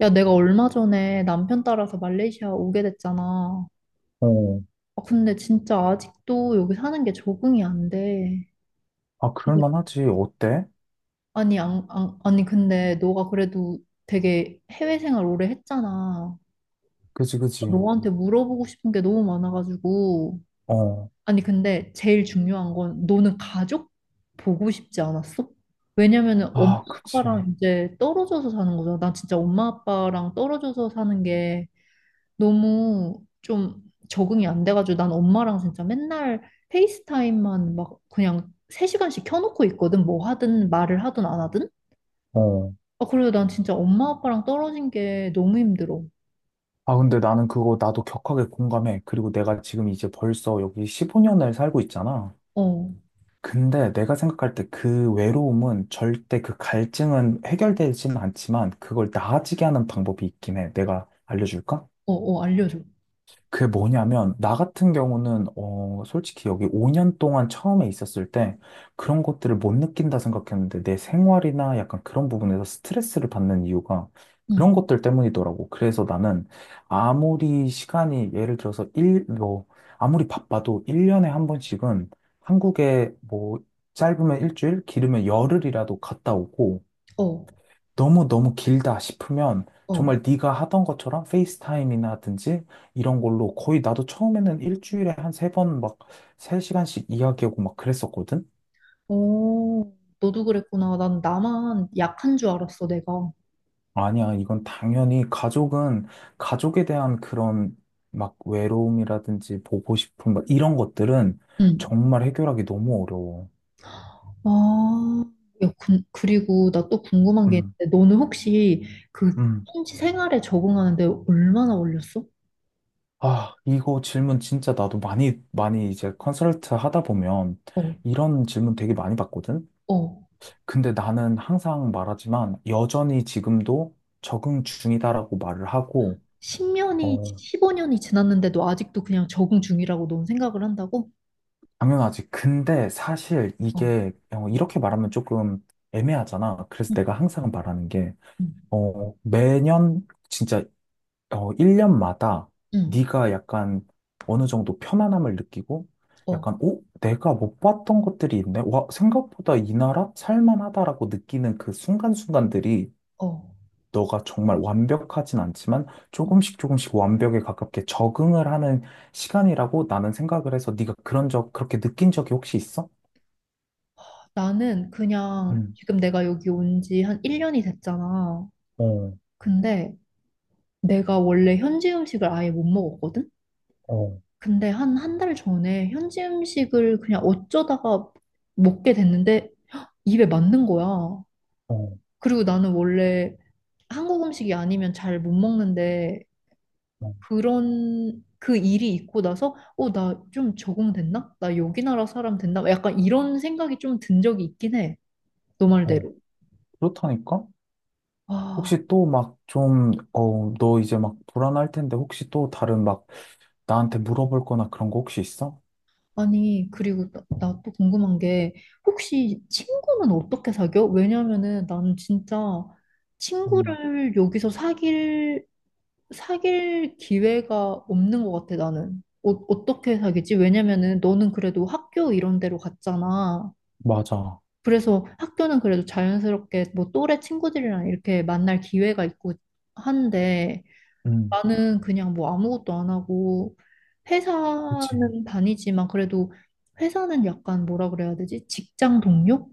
야, 내가 얼마 전에 남편 따라서 말레이시아 오게 됐잖아. 어. 아, 근데 진짜 아직도 여기 사는 게 적응이 안 돼. 아, 근데- 그럴만하지. 어때? 아니, 안, 안, 아니, 근데 너가 그래도 되게 해외 생활 오래 했잖아. 그지, 그지. 너한테 물어보고 싶은 게 너무 많아가지고. 어. 아니, 근데 제일 중요한 건 너는 가족 보고 싶지 않았어? 왜냐면은 엄마 아, 그지. 아빠랑 이제 떨어져서 사는 거잖아. 난 진짜 엄마 아빠랑 떨어져서 사는 게 너무 좀 적응이 안 돼가지고 난 엄마랑 진짜 맨날 페이스타임만 막 그냥 3시간씩 켜놓고 있거든. 뭐 하든 말을 하든 안 하든. 어. 아, 그래요. 난 진짜 엄마 아빠랑 떨어진 게 너무 힘들어. 아, 근데 나는 그거 나도 격하게 공감해. 그리고 내가 지금 이제 벌써 여기 15년을 살고 있잖아. 어, 근데 내가 생각할 때 그 외로움은 절대 그 갈증은 해결되지는 않지만 그걸 나아지게 하는 방법이 있긴 해. 내가 알려줄까? 어, 어, 알려줘. 그게 뭐냐면, 나 같은 경우는, 솔직히 여기 5년 동안 처음에 있었을 때 그런 것들을 못 느낀다 생각했는데, 내 생활이나 약간 그런 부분에서 스트레스를 받는 이유가 응, 그런 것들 때문이더라고. 그래서 나는 아무리 시간이, 예를 들어서 일 뭐, 아무리 바빠도 1년에 한 번씩은 한국에 뭐, 짧으면 일주일, 길으면 열흘이라도 갔다 오고, 어, 너무너무 길다 싶으면 어. 정말 네가 하던 것처럼 페이스타임이나 하든지 이런 걸로 거의 나도 처음에는 일주일에 한 세 번 막 세시간씩 이야기하고 막 그랬었거든? 어, 너도 그랬구나. 난 나만 약한 줄 알았어, 내가. 아니야, 이건 당연히 가족은 가족에 대한 그런 막 외로움이라든지 보고 싶은 막 이런 것들은 응. 정말 해결하기 너무 어려워. 아, 야, 그리고 나 또 궁금한 게 음. 있는데, 너는 혹시 그 음. 현지 생활에 적응하는데 얼마나 걸렸어? 아, 이거 질문 진짜 나도 많이, 많이 이제 컨설트 하다 보면 어, 이런 질문 되게 많이 받거든? 어, 근데 나는 항상 말하지만 여전히 지금도 적응 중이다라고 말을 하고, 10년이, 어, 15년이 지났는데도 아직도 그냥 적응 중이라고 넌 생각을 한다고? 당연하지. 근데 사실 어, 이게 이렇게 말하면 조금 애매하잖아. 그래서 응, 내가 항상 말하는 게, 응, 매년 진짜 1년마다 응, 네가 약간 어느 정도 편안함을 느끼고, 어, 약간, 오, 내가 못 봤던 것들이 있네. 와, 생각보다 이 나라 살만하다라고 느끼는 그 순간순간들이 어. 너가 정말 완벽하진 않지만 조금씩 조금씩 완벽에 가깝게 적응을 하는 시간이라고 나는 생각을 해서 네가 그렇게 느낀 적이 혹시 있어? 나는 그냥 음. 지금 내가 여기 온지 한 1년이 됐잖아. 어. 근데 내가 원래 현지 음식을 아예 못 먹었거든? 어. 근데 한 한 달 전에 현지 음식을 그냥 어쩌다가 먹게 됐는데 입에 맞는 거야. 어. 그리고 나는 원래 한국 음식이 아니면 잘 못 먹는데 어. 그런 그 일이 있고 나서 나 좀 적응됐나? 나 여기 나라 사람 됐나? 약간 이런 생각이 좀 든 적이 있긴 해. 너 어. 말대로. 그렇다니까? 아, 혹시 또 막 좀, 너 이제 막 불안할 텐데 혹시 또 다른 막 나한테 물어볼 거나 그런 거 혹시 있어? 아니, 그리고 나 또 궁금한 게 혹시 친구는 어떻게 사겨? 왜냐면은 나는 진짜 음, 친구를 여기서 사귈 기회가 없는 것 같아, 나는. 어, 어떻게 사귀지? 왜냐면은 너는 그래도 학교 이런 데로 갔잖아. 맞아. 그래서 학교는 그래도 자연스럽게 뭐 또래 친구들이랑 이렇게 만날 기회가 있고 한데 음. 나는 그냥 뭐 아무것도 안 하고 그치. 회사는 다니지만 그래도 회사는 약간 뭐라 그래야 되지? 직장 동료?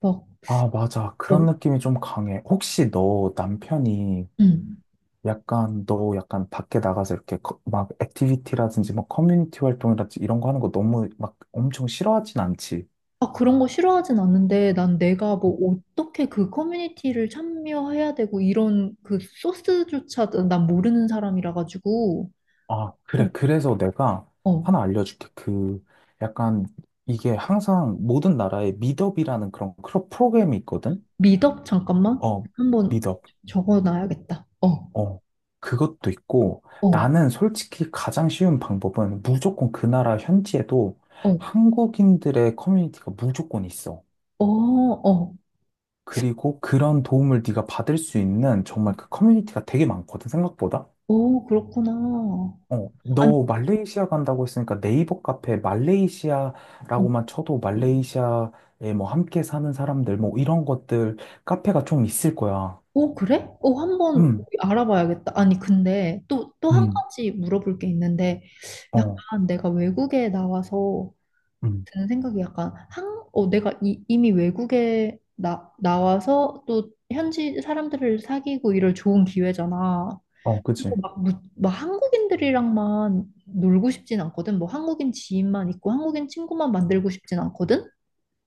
막, 아, 맞아. 어, 그런 느낌이 좀 강해. 혹시 너 남편이 음. 약간 너 약간 밖에 나가서 이렇게 막 액티비티라든지 뭐 커뮤니티 활동이라든지 이런 거 하는 거 너무 막 엄청 싫어하진 않지. 아, 그런 거 싫어하진 않는데 난 내가 뭐 어떻게 그 커뮤니티를 참여해야 되고 이런 그 소스조차 난 모르는 사람이라 가지고 아, 그래. 어, 그래서 내가 어. 하나 알려줄게. 그 약간 이게 항상 모든 나라에 미덥이라는 그런 프로그램이 있거든. 미덕 잠깐만 어, 한번 미덥. 적어 놔야겠다. 어, 어, 그것도 있고 어, 나는 솔직히 가장 쉬운 방법은 무조건 그 나라 현지에도 어, 한국인들의 커뮤니티가 무조건 있어. 어, 어, 그리고 그런 도움을 네가 받을 수 있는 정말 그 커뮤니티가 되게 많거든, 생각보다. 그렇구나. 어, 아니, 너 말레이시아 간다고 했으니까 네이버 카페 어, 말레이시아라고만 쳐도 말레이시아에 뭐 함께 사는 사람들 뭐 이런 것들 카페가 좀 있을 거야. 어, 그래? 한번 음. 알아봐야겠다. 아니 근데 또 한 음. 가지 물어볼 게 있는데 어. 약간 내가 외국에 나와서 음. 드는 생각이 약간 한, 어 내가 이미 외국에 나 나와서 또 현지 사람들을 사귀고 이럴 좋은 기회잖아. 어. 그래서 그지. 막 한국인들이랑만 놀고 싶진 않거든. 뭐 한국인 지인만 있고 한국인 친구만 만들고 싶진 않거든.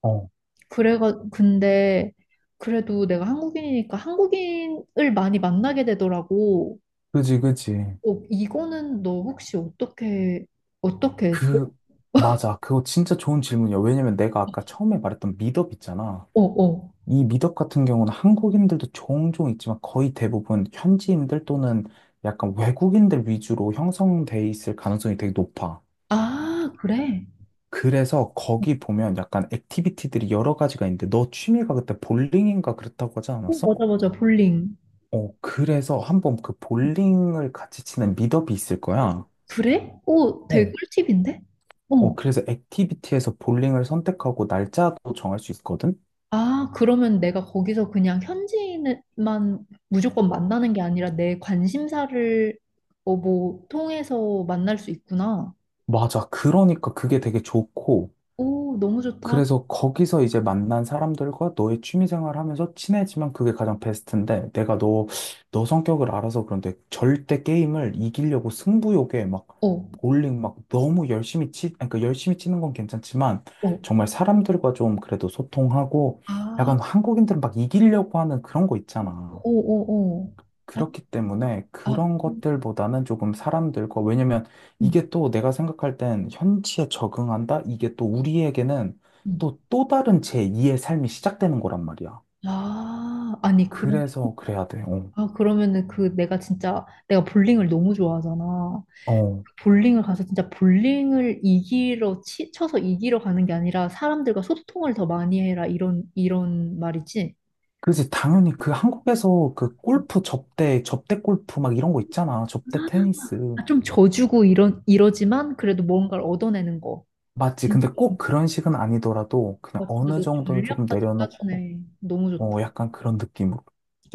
어, 그래가 근데 그래도 내가 한국인이니까 한국인을 많이 만나게 되더라고. 그지, 그지. 어, 이거는 너 혹시 어떻게 했어? 그, 맞아. 그거 진짜 좋은 질문이야. 왜냐면 내가 아까 처음에 말했던 미덥 있잖아. 어, 어. 이 미덕 같은 경우는 한국인들도 종종 있지만 거의 대부분 현지인들 또는 약간 외국인들 위주로 형성돼 있을 가능성이 되게 높아. 아, 그래. 그래서 거기 보면 약간 액티비티들이 여러 가지가 있는데 너 취미가 그때 볼링인가 그랬다고 하지 어, 않았어? 맞아, 맞아. 볼링. 어, 그래서 한번 그 볼링을 같이 치는 미덕이 있을 거야. 그래? 오, 되게 어, 꿀팁인데? 어. 어, 그래서 액티비티에서 볼링을 선택하고 날짜도 정할 수 있거든? 아, 그러면 내가 거기서 그냥 현지인만 무조건 만나는 게 아니라 내 관심사를 뭐 통해서 만날 수 있구나. 맞아. 그러니까 그게 되게 좋고. 오, 너무 좋다. 그래서 거기서 이제 만난 사람들과 너의 취미생활 하면서 친해지면 그게 가장 베스트인데 내가 너 성격을 알아서 그런데 절대 게임을 이기려고 승부욕에 막 어, 볼링 막 너무 열심히 아니, 그러니까 열심히 치는 건 괜찮지만 어. 정말 사람들과 좀 그래도 소통하고 아, 약간 한국인들은 막 이기려고 하는 그런 거 있잖아. 오, 오, 오. 아, 그렇기 때문에 아, 그런 음, 것들보다는 조금 사람들과, 왜냐면 음. 이게 또 내가 생각할 땐 현지에 적응한다? 이게 또 우리에게는 음. 또, 또 다른 제2의 삶이 시작되는 거란 말이야. 아, 아니, 그럼, 그래서 그래야 돼. 어. 아, 그러면은 그 내가 진짜 내가 볼링을 너무 좋아하잖아. 어. 볼링을 가서 진짜 볼링을 이기러 쳐서 이기러 가는 게 아니라 사람들과 소통을 더 많이 해라 이런 이런 말이지. 그지. 당연히 그 한국에서 그 골프 접대, 접대 골프 막 이런 거 있잖아. 접대 테니스. 아, 좀 져주고 이런 이러지만 그래도 뭔가를 얻어내는 거. 맞지. 음. 근데 꼭 그런 식은 아니더라도 아, 그냥 진짜 어느 너 정도는 조금 전략까지 내려놓고, 짜주네. 너무 좋다. 어, 약간 그런 느낌으로.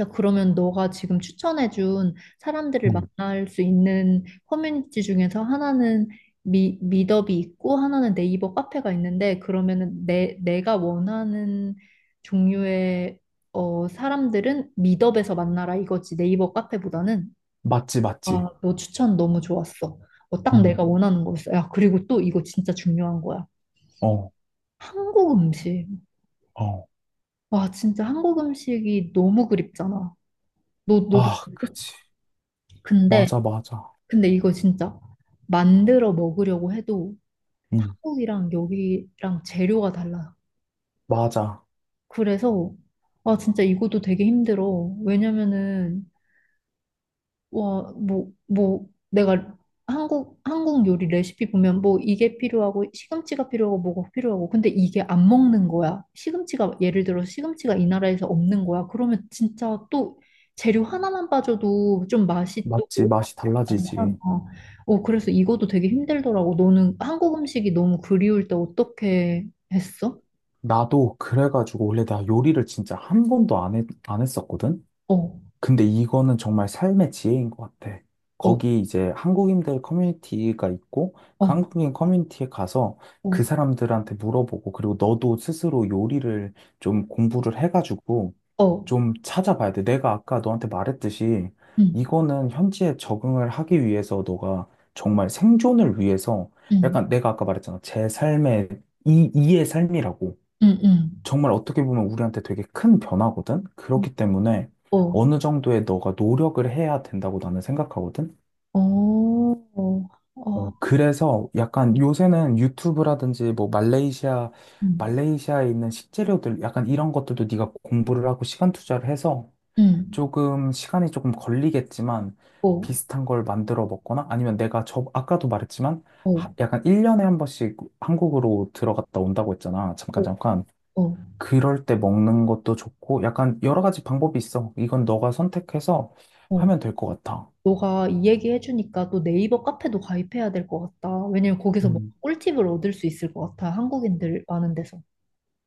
야, 그러면 너가 지금 추천해준 사람들을 음. 만날 수 있는 커뮤니티 중에서 하나는 밋업이 있고 하나는 네이버 카페가 있는데 그러면은 내가 원하는 종류의 사람들은 밋업에서 만나라 이거지 네이버 카페보다는. 맞지, 맞지. 아, 너 추천 너무 좋았어. 어, 딱 음. 내가 원하는 거였어. 야, 그리고 또 이거 진짜 중요한 거야. 어. 한국 음식. 어. 와, 진짜 한국 음식이 너무 그립잖아. 너도 아, 그치. 근데 맞아, 맞아. 근데 이거 진짜 만들어 먹으려고 해도 응, 한국이랑 여기랑 재료가 달라요. 맞아. 그래서 진짜 이것도 되게 힘들어. 왜냐면은 와 뭐 내가 한국 요리 레시피 보면 뭐 이게 필요하고 시금치가 필요하고 뭐가 필요하고 근데 이게 안 먹는 거야. 시금치가 예를 들어 시금치가 이 나라에서 없는 거야. 그러면 진짜 또 재료 하나만 빠져도 좀 맛이 또 맞지, 맛이 괜찮아. 달라지지. 어, 그래서 이것도 되게 힘들더라고. 너는 한국 음식이 너무 그리울 때 어떻게 했어? 나도 그래가지고 원래 나 요리를 진짜 한 번도 안 했었거든? 어, 근데 이거는 정말 삶의 지혜인 것 같아. 어, 거기 이제 한국인들 커뮤니티가 있고, 그 어, 한국인 커뮤니티에 가서 그 어, 사람들한테 물어보고, 그리고 너도 스스로 요리를 좀 공부를 해가지고 어, 좀 찾아봐야 돼. 내가 아까 너한테 말했듯이 응, 이거는 현지에 적응을 하기 위해서 너가 정말 생존을 위해서 응, 약간 내가 아까 말했잖아. 이의 삶이라고. 응, 정말 어떻게 보면 우리한테 되게 큰 변화거든? 응, 그렇기 때문에 어, 어느 정도의 너가 노력을 해야 된다고 나는 생각하거든? 어, 어, 어, 어, 그래서 약간 요새는 유튜브라든지 뭐 말레이시아, 응, 말레이시아에 있는 식재료들 약간 이런 것들도 네가 공부를 하고 시간 투자를 해서 응, 조금 시간이 조금 걸리겠지만 어, 비슷한 걸 만들어 먹거나 아니면 내가 아까도 말했지만 어, 약간 1년에 한 번씩 한국으로 들어갔다 온다고 했잖아. 잠깐, 어, 잠깐. 어, 그럴 때 먹는 것도 좋고, 약간 여러 가지 방법이 있어. 이건 너가 선택해서 어. 하면 될 것 같아. 너가 이 얘기 해주니까 또 네이버 카페도 가입해야 될 것 같다. 왜냐면 거기서 뭐 음, 꿀팁을 얻을 수 있을 것 같아. 한국인들 많은 데서.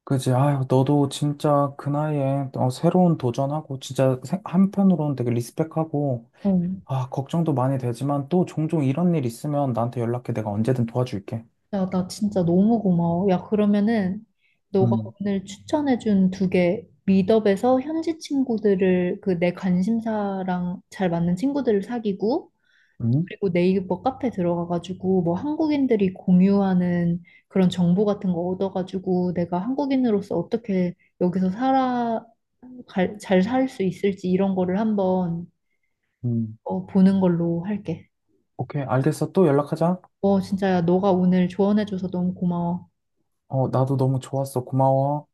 그지? 아유, 너도 진짜 그 나이에 새로운 도전하고, 진짜 한편으로는 되게 리스펙하고, 어. 아, 걱정도 많이 되지만 또 종종 이런 일 있으면 나한테 연락해. 내가 언제든 도와줄게. 야, 나 진짜 너무 고마워. 야, 그러면은 너가 음. 오늘 추천해준 두 개 미드업에서 현지 친구들을 그 내 관심사랑 잘 맞는 친구들을 사귀고 음. 그리고 네이버 카페 들어가가지고 뭐 한국인들이 공유하는 그런 정보 같은 거 얻어가지고 내가 한국인으로서 어떻게 여기서 살아 잘 살 수 있을지 이런 거를 한번 음. 보는 걸로 할게. 오케이, 알겠어. 또 연락하자. 진짜 야, 너가 오늘 조언해줘서 너무 고마워. 어, 나도 너무 좋았어. 고마워.